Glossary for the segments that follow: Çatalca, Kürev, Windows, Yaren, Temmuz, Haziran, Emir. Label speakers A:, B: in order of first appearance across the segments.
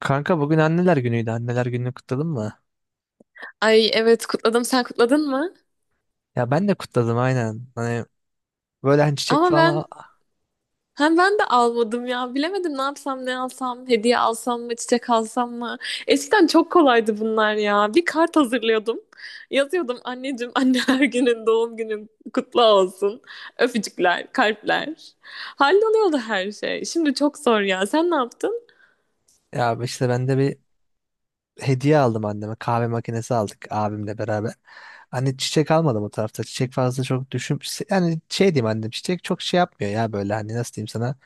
A: Kanka bugün anneler günüydü. Anneler gününü kutladın mı?
B: Ay evet kutladım. Sen kutladın mı?
A: Ya ben de kutladım aynen. Hani böyle hani çiçek
B: Ama
A: falan al-
B: ben de almadım ya. Bilemedim ne yapsam ne alsam. Hediye alsam mı çiçek alsam mı? Eskiden çok kolaydı bunlar ya. Bir kart hazırlıyordum. Yazıyordum anneciğim anneler günün doğum günün kutlu olsun. Öpücükler, kalpler. Halloluyordu her şey. Şimdi çok zor ya. Sen ne yaptın?
A: ya işte ben de bir hediye aldım anneme. Kahve makinesi aldık abimle beraber. Hani çiçek almadım o tarafta. Çiçek fazla çok düşün yani şey diyeyim, annem çiçek çok şey yapmıyor ya, böyle hani nasıl diyeyim sana.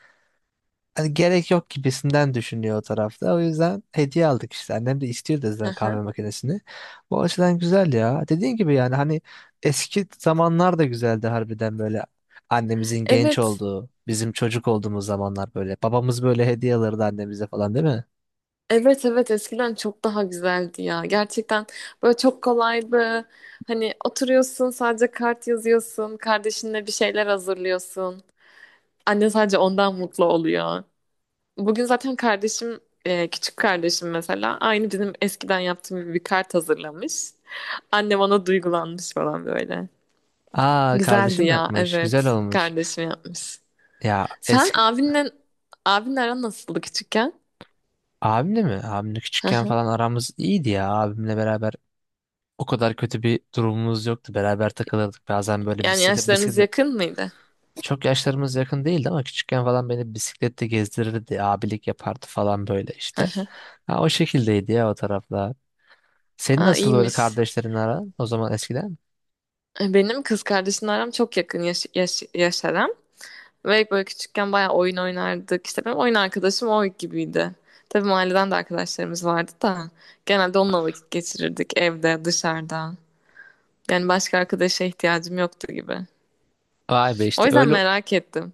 A: Hani gerek yok gibisinden düşünüyor o tarafta. O yüzden hediye aldık işte. Annem de istiyor da
B: Hı
A: zaten
B: hı.
A: kahve makinesini. Bu açıdan güzel ya. Dediğin gibi yani hani eski zamanlar da güzeldi harbiden böyle. Annemizin genç
B: Evet.
A: olduğu, bizim çocuk olduğumuz zamanlar böyle. Babamız böyle hediye alırdı annemize falan, değil mi?
B: Evet evet eskiden çok daha güzeldi ya. Gerçekten böyle çok kolaydı. Hani oturuyorsun sadece kart yazıyorsun. Kardeşinle bir şeyler hazırlıyorsun. Anne sadece ondan mutlu oluyor. Bugün zaten kardeşim küçük kardeşim mesela aynı bizim eskiden yaptığım gibi bir kart hazırlamış. Annem ona duygulanmış falan böyle.
A: Aa,
B: Güzeldi
A: kardeşim
B: ya
A: yapmış. Güzel
B: evet
A: olmuş.
B: kardeşim yapmış.
A: Ya
B: Sen
A: eski
B: abinle aran nasıldı küçükken?
A: abimle mi? Abimle
B: Hı
A: küçükken
B: hı.
A: falan aramız iyiydi ya. Abimle beraber o kadar kötü bir durumumuz yoktu. Beraber takılırdık. Bazen böyle
B: Yani
A: bisiklete,
B: yaşlarınız
A: bisiklete,
B: yakın mıydı?
A: çok yaşlarımız yakın değildi ama küçükken falan beni bisiklette gezdirirdi, abilik yapardı falan böyle işte. Ha, o şekildeydi ya o taraflar. Senin
B: Aa,
A: nasıl böyle
B: iyiymiş.
A: kardeşlerin aran o zaman eskiden?
B: Benim kız kardeşimle aram çok yakın yaş aram. Ve böyle küçükken bayağı oyun oynardık. İşte benim oyun arkadaşım o gibiydi. Tabii mahalleden de arkadaşlarımız vardı da. Genelde onunla vakit geçirirdik evde, dışarıda. Yani başka arkadaşa ihtiyacım yoktu gibi.
A: Vay be,
B: O
A: işte
B: yüzden
A: öyle
B: merak ettim.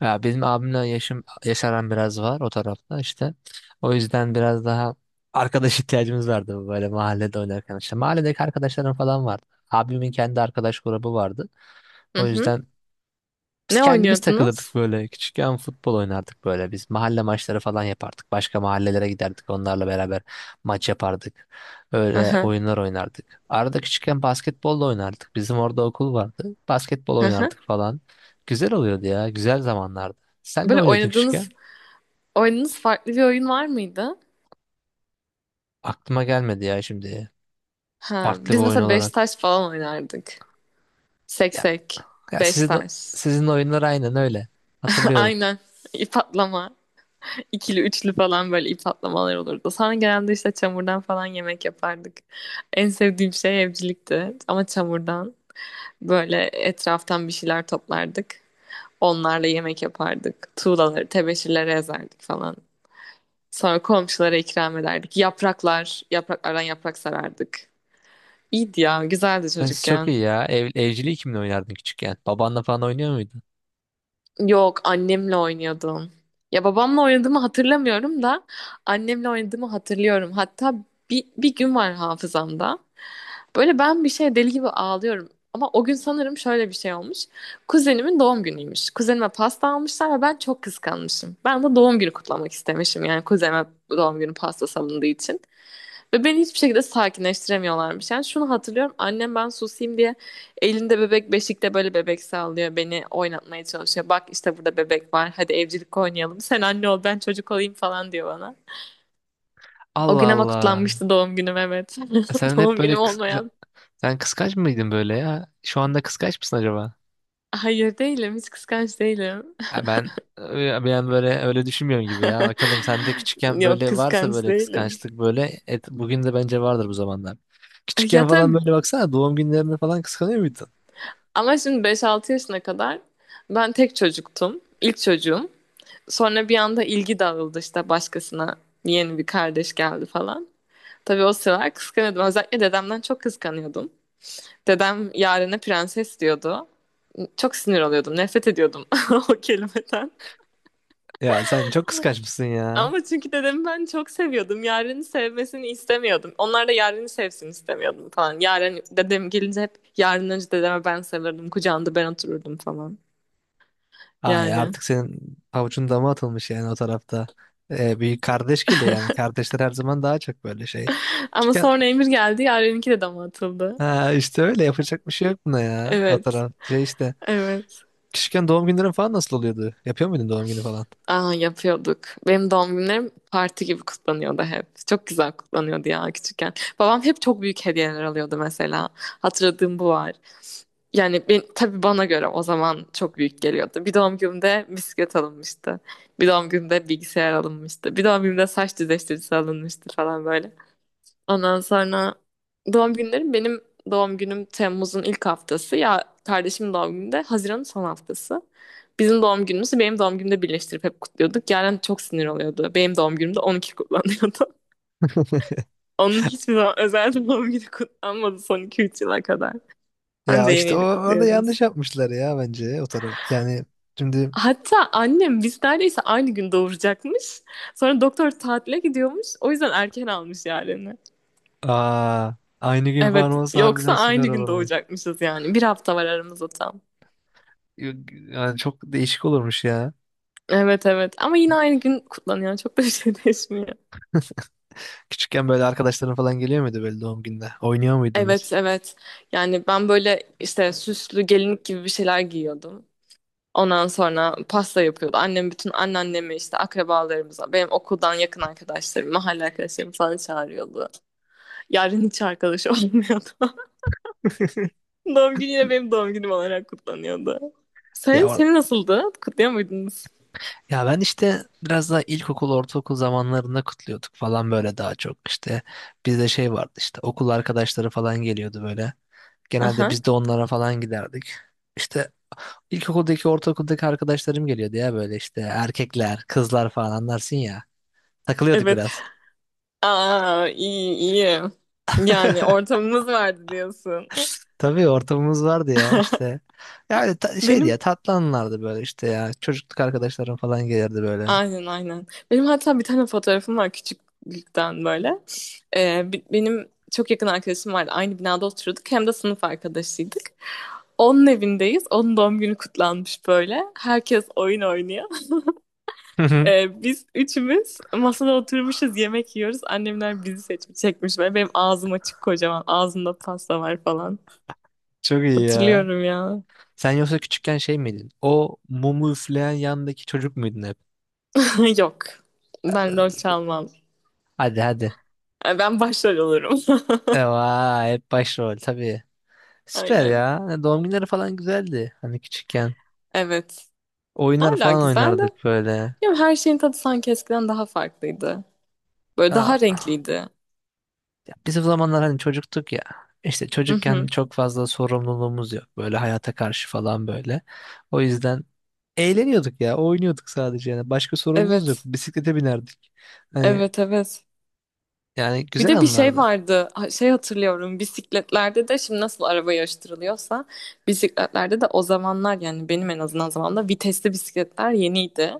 A: ya, benim abimle yaşım yaş aram biraz var o tarafta işte. O yüzden biraz daha arkadaş ihtiyacımız vardı böyle mahallede oynarken işte. Mahalledeki arkadaşlarım falan vardı. Abimin kendi arkadaş grubu vardı.
B: Hı
A: O
B: hı.
A: yüzden biz
B: Ne
A: kendimiz takılırdık
B: oynuyordunuz?
A: böyle. Küçükken futbol oynardık böyle. Biz mahalle maçları falan yapardık. Başka mahallelere giderdik. Onlarla beraber maç yapardık.
B: Hı
A: Öyle
B: hı.
A: oyunlar oynardık. Arada küçükken basketbol da oynardık. Bizim orada okul vardı. Basketbol
B: Hı hı.
A: oynardık falan. Güzel oluyordu ya. Güzel zamanlardı. Sen ne
B: Böyle
A: oynuyordun küçükken?
B: oynadığınız farklı bir oyun var mıydı?
A: Aklıma gelmedi ya şimdi.
B: Ha,
A: Farklı bir
B: biz
A: oyun
B: mesela beş
A: olarak.
B: taş falan oynardık.
A: Ya,
B: Seksek,
A: ya
B: beş
A: sizin
B: taş.
A: sizin oyunlar aynen öyle. Hatırlıyorum.
B: Aynen. İp atlama. İkili üçlü falan böyle ip atlamalar olurdu. Sonra genelde işte çamurdan falan yemek yapardık. En sevdiğim şey evcilikti. Ama çamurdan böyle etraftan bir şeyler toplardık. Onlarla yemek yapardık. Tuğlaları, tebeşirleri ezerdik falan. Sonra komşulara ikram ederdik. Yapraklar, yapraklardan yaprak sarardık. İyiydi ya, güzeldi
A: Çok
B: çocukken.
A: iyi ya. Ev, evciliği kimle oynardın küçükken? Babanla falan oynuyor muydun?
B: Yok annemle oynuyordum. Ya babamla oynadığımı hatırlamıyorum da annemle oynadığımı hatırlıyorum. Hatta bir gün var hafızamda. Böyle ben bir şey deli gibi ağlıyorum. Ama o gün sanırım şöyle bir şey olmuş. Kuzenimin doğum günüymüş. Kuzenime pasta almışlar ve ben çok kıskanmışım. Ben de doğum günü kutlamak istemişim. Yani kuzenime doğum günü pasta salındığı için. Ve beni hiçbir şekilde sakinleştiremiyorlarmış. Yani şunu hatırlıyorum. Annem ben susayım diye elinde bebek beşikte böyle bebek sallıyor. Beni oynatmaya çalışıyor. Bak işte burada bebek var. Hadi evcilik oynayalım. Sen anne ol ben çocuk olayım falan diyor bana. O gün
A: Allah
B: ama
A: Allah.
B: kutlanmıştı doğum günüm evet.
A: Sen hep
B: Doğum
A: böyle
B: günüm
A: kıs- sen
B: olmayan.
A: sen kıskanç mıydın böyle ya? Şu anda kıskanç mısın acaba?
B: Hayır değilim. Hiç kıskanç değilim.
A: Ya ben ya ben böyle öyle düşünmüyorum gibi ya. Bakalım sende küçükken
B: Yok
A: böyle varsa
B: kıskanç
A: böyle
B: değilim.
A: kıskançlık böyle et, bugün de bence vardır bu zamanlar.
B: Ya
A: Küçükken falan
B: tabii
A: böyle baksana doğum günlerinde falan kıskanıyor muydun?
B: ama şimdi beş altı yaşına kadar ben tek çocuktum. İlk çocuğum. Sonra bir anda ilgi dağıldı işte başkasına yeni bir kardeş geldi falan. Tabii o sıralar kıskanıyordum. Özellikle dedemden çok kıskanıyordum. Dedem Yaren'e prenses diyordu. Çok sinir oluyordum. Nefret ediyordum o kelimeden.
A: Ya sen çok kıskanç mısın ya?
B: Ama çünkü dedemi ben çok seviyordum. Yaren'i sevmesini istemiyordum. Onlar da Yaren'i sevsin istemiyordum falan. Yaren dedem gelince hep Yaren önce dedeme ben sarılırdım. Kucağında ben otururdum falan.
A: Ay
B: Yani.
A: artık senin pabucun dama atılmış yani o tarafta. Bir kardeş geliyor yani. Kardeşler her zaman daha çok böyle şey.
B: Ama
A: Küçükken
B: sonra Emir geldi. Yaren'inki de dama atıldı.
A: ha, işte öyle yapacak bir şey yok buna ya. O
B: Evet.
A: taraf şey işte.
B: Evet.
A: Küçükken doğum günlerin falan nasıl oluyordu? Yapıyor muydun doğum günü falan?
B: Aa, yapıyorduk. Benim doğum günlerim parti gibi kutlanıyordu hep. Çok güzel kutlanıyordu ya küçükken. Babam hep çok büyük hediyeler alıyordu mesela. Hatırladığım bu var. Yani ben, tabii bana göre o zaman çok büyük geliyordu. Bir doğum günümde bisiklet alınmıştı. Bir doğum günümde bilgisayar alınmıştı. Bir doğum günümde saç düzleştiricisi alınmıştı falan böyle. Ondan sonra doğum günlerim benim doğum günüm Temmuz'un ilk haftası. Ya kardeşimin doğum günü de Haziran'ın son haftası. Bizim doğum günümüzü benim doğum günümde birleştirip hep kutluyorduk. Yaren çok sinir oluyordu. Benim doğum günümde 12 kutlanıyordu. Onun hiçbir zaman özel doğum günü kutlanmadı son iki üç yıla kadar. Anca
A: Ya
B: yeni
A: işte o,
B: yeni
A: orada
B: kutluyordunuz.
A: yanlış yapmışlar ya bence o taraf. Yani şimdi
B: Hatta annem biz neredeyse aynı gün doğuracakmış. Sonra doktor tatile gidiyormuş. O yüzden erken almış Yaren'i.
A: aa, aynı gün falan
B: Evet,
A: olsa
B: yoksa
A: harbiden
B: aynı
A: süper
B: gün
A: olurmuş.
B: doğacakmışız yani. Bir hafta var aramızda tam.
A: Yani çok değişik olurmuş ya.
B: Evet evet ama yine aynı gün kutlanıyor. Çok da bir şey değişmiyor.
A: Küçükken böyle arkadaşların falan geliyor muydu böyle doğum gününe? Oynuyor
B: Evet
A: muydunuz?
B: evet. Yani ben böyle işte süslü gelinlik gibi bir şeyler giyiyordum. Ondan sonra pasta yapıyordu. Annem bütün anneannemi işte akrabalarımıza, benim okuldan yakın arkadaşlarım, mahalle arkadaşlarım falan çağırıyordu. Yarın hiç arkadaş olmuyordu. Doğum günü yine benim doğum günüm olarak kutlanıyordu. Senin,
A: Ya or-
B: senin nasıldı? Kutluyor muydunuz?
A: ya ben işte biraz daha ilkokul, ortaokul zamanlarında kutluyorduk falan böyle daha çok işte. Bizde şey vardı, işte okul arkadaşları falan geliyordu böyle. Genelde
B: Aha.
A: biz de onlara falan giderdik. İşte ilkokuldaki, ortaokuldaki arkadaşlarım geliyordu ya, böyle işte erkekler, kızlar falan anlarsın ya. Takılıyorduk
B: Evet.
A: biraz.
B: Aa iyi iyi. Yani ortamımız vardı diyorsun.
A: Tabii ortamımız vardı ya işte. Ya öyle ta- şeydi
B: Benim
A: ya, tatlı anılardı böyle işte ya. Çocukluk arkadaşlarım falan gelirdi böyle.
B: aynen aynen. Benim hatta bir tane fotoğrafım var küçüklükten böyle. Benim çok yakın arkadaşım vardı. Aynı binada oturuyorduk. Hem de sınıf arkadaşıydık. Onun evindeyiz. Onun doğum günü kutlanmış böyle. Herkes oyun oynuyor. Biz üçümüz masada oturmuşuz. Yemek yiyoruz. Annemler bizi seçmiş, çekmiş. Böyle benim ağzım açık kocaman. Ağzımda pasta var falan.
A: Çok iyi ya.
B: Hatırlıyorum ya.
A: Sen yoksa küçükken şey miydin? O mumu üfleyen yandaki çocuk muydun hep?
B: Yok. Ben rol çalmam.
A: Hadi hadi.
B: Ben başrol olurum.
A: Vay, hep başrol tabii. Süper
B: Aynen.
A: ya. Hani doğum günleri falan güzeldi. Hani küçükken.
B: Evet.
A: Oyunlar
B: Hala
A: falan
B: güzel de.
A: oynardık böyle.
B: Bilmiyorum, her şeyin tadı sanki eskiden daha farklıydı. Böyle daha
A: Aa.
B: renkliydi.
A: Ya biz o zamanlar hani çocuktuk ya. İşte
B: Hı
A: çocukken
B: hı.
A: çok fazla sorumluluğumuz yok. Böyle hayata karşı falan böyle. O yüzden eğleniyorduk ya. Oynuyorduk sadece yani. Başka sorumluluğumuz yok.
B: Evet.
A: Bisiklete binerdik. Hani
B: Evet evet.
A: yani
B: Bir
A: güzel
B: de bir şey
A: anlardı.
B: vardı. Şey hatırlıyorum. Bisikletlerde de şimdi nasıl araba yarıştırılıyorsa bisikletlerde de o zamanlar yani benim en azından zamanımda vitesli bisikletler yeniydi.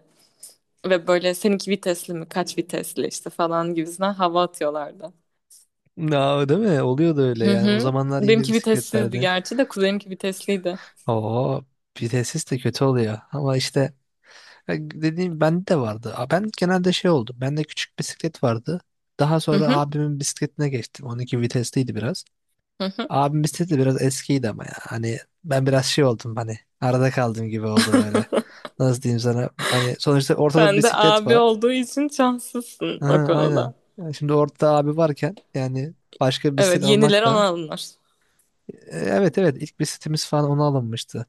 B: Ve böyle seninki vitesli mi kaç vitesli işte falan gibisinden hava atıyorlardı.
A: Na, değil mi? Oluyordu öyle
B: Hı
A: yani. O
B: hı.
A: zamanlar yeni
B: Benimki vitessizdi
A: bisikletlerde.
B: gerçi de kuzenimki vitesliydi.
A: Oo, vitesis de kötü oluyor. Ama işte e, dediğim bende de vardı. A, ben genelde şey oldu. Bende küçük bisiklet vardı. Daha
B: Hı
A: sonra
B: hı.
A: abimin bisikletine geçtim. 12 vitesliydi biraz.
B: Hı hı.
A: Abim bisikleti biraz eskiydi ama ya. Hani ben biraz şey oldum hani. Arada kaldım gibi oldu böyle. Nasıl diyeyim sana? Hani sonuçta ortada bir
B: Ben de
A: bisiklet
B: abi
A: var.
B: olduğu için şanslısın
A: Ha,
B: o konuda.
A: aynen. Yani şimdi ortada abi varken yani başka bir bisiklet
B: Evet, yeniler
A: almak
B: ona
A: da
B: alınır.
A: evet evet, ilk bir sitemiz falan ona alınmıştı.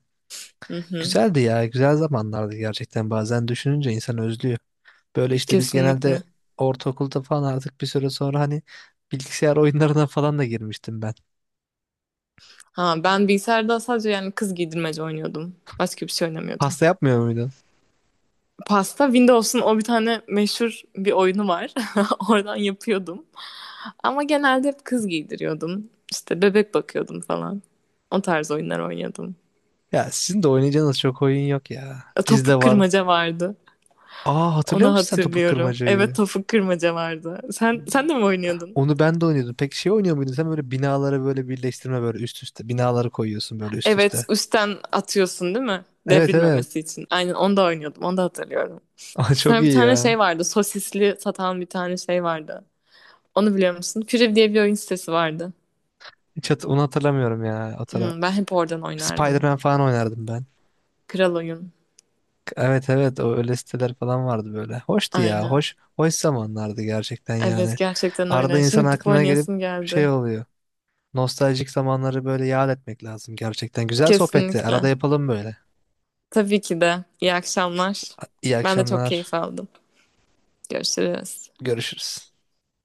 B: Hı hı,
A: Güzeldi ya, güzel zamanlardı gerçekten, bazen düşününce insan özlüyor. Böyle işte biz genelde
B: kesinlikle.
A: ortaokulda falan artık bir süre sonra hani bilgisayar oyunlarına falan da girmiştim ben.
B: Ha, ben bilgisayarda sadece yani kız giydirmece oynuyordum. Başka bir şey oynamıyordum.
A: Pasta yapmıyor muydun?
B: Pasta Windows'un o bir tane meşhur bir oyunu var. Oradan yapıyordum. Ama genelde hep kız giydiriyordum. İşte bebek bakıyordum falan. O tarz oyunlar oynuyordum.
A: Ya sizin de oynayacağınız çok oyun yok ya. Bizde
B: Topuk
A: var.
B: kırmaca vardı.
A: Aa, hatırlıyor
B: Onu
A: musun sen topu
B: hatırlıyorum. Evet
A: kırmacayı?
B: topuk kırmaca vardı. Sen de mi oynuyordun?
A: Onu ben de oynuyordum. Peki şey oynuyor muydun sen, böyle binaları böyle birleştirme, böyle üst üste. Binaları koyuyorsun böyle üst
B: Evet,
A: üste.
B: üstten atıyorsun değil mi?
A: Evet evet.
B: Devrilmemesi için. Aynen onu da oynuyordum. Onu da hatırlıyorum.
A: Aa, çok
B: Sonra bir
A: iyi
B: tane
A: ya.
B: şey vardı. Sosisli satan bir tane şey vardı. Onu biliyor musun? Kürev diye bir oyun sitesi vardı.
A: Hiç hat- onu hatırlamıyorum ya.
B: Ben hep oradan oynardım.
A: Spider-Man falan oynardım ben.
B: Kral oyun.
A: Evet evet, o öyle siteler falan vardı böyle. Hoştu ya.
B: Aynen.
A: Hoş hoş zamanlardı gerçekten
B: Evet
A: yani.
B: gerçekten
A: Arada
B: öyle. Şimdi
A: insan
B: gidip
A: aklına gelip
B: oynayasım
A: şey
B: geldi.
A: oluyor. Nostaljik zamanları böyle yad etmek lazım gerçekten. Güzel sohbetti. Arada
B: Kesinlikle.
A: yapalım böyle.
B: Tabii ki de. İyi akşamlar.
A: İyi
B: Ben de çok keyif
A: akşamlar.
B: aldım. Görüşürüz.
A: Görüşürüz.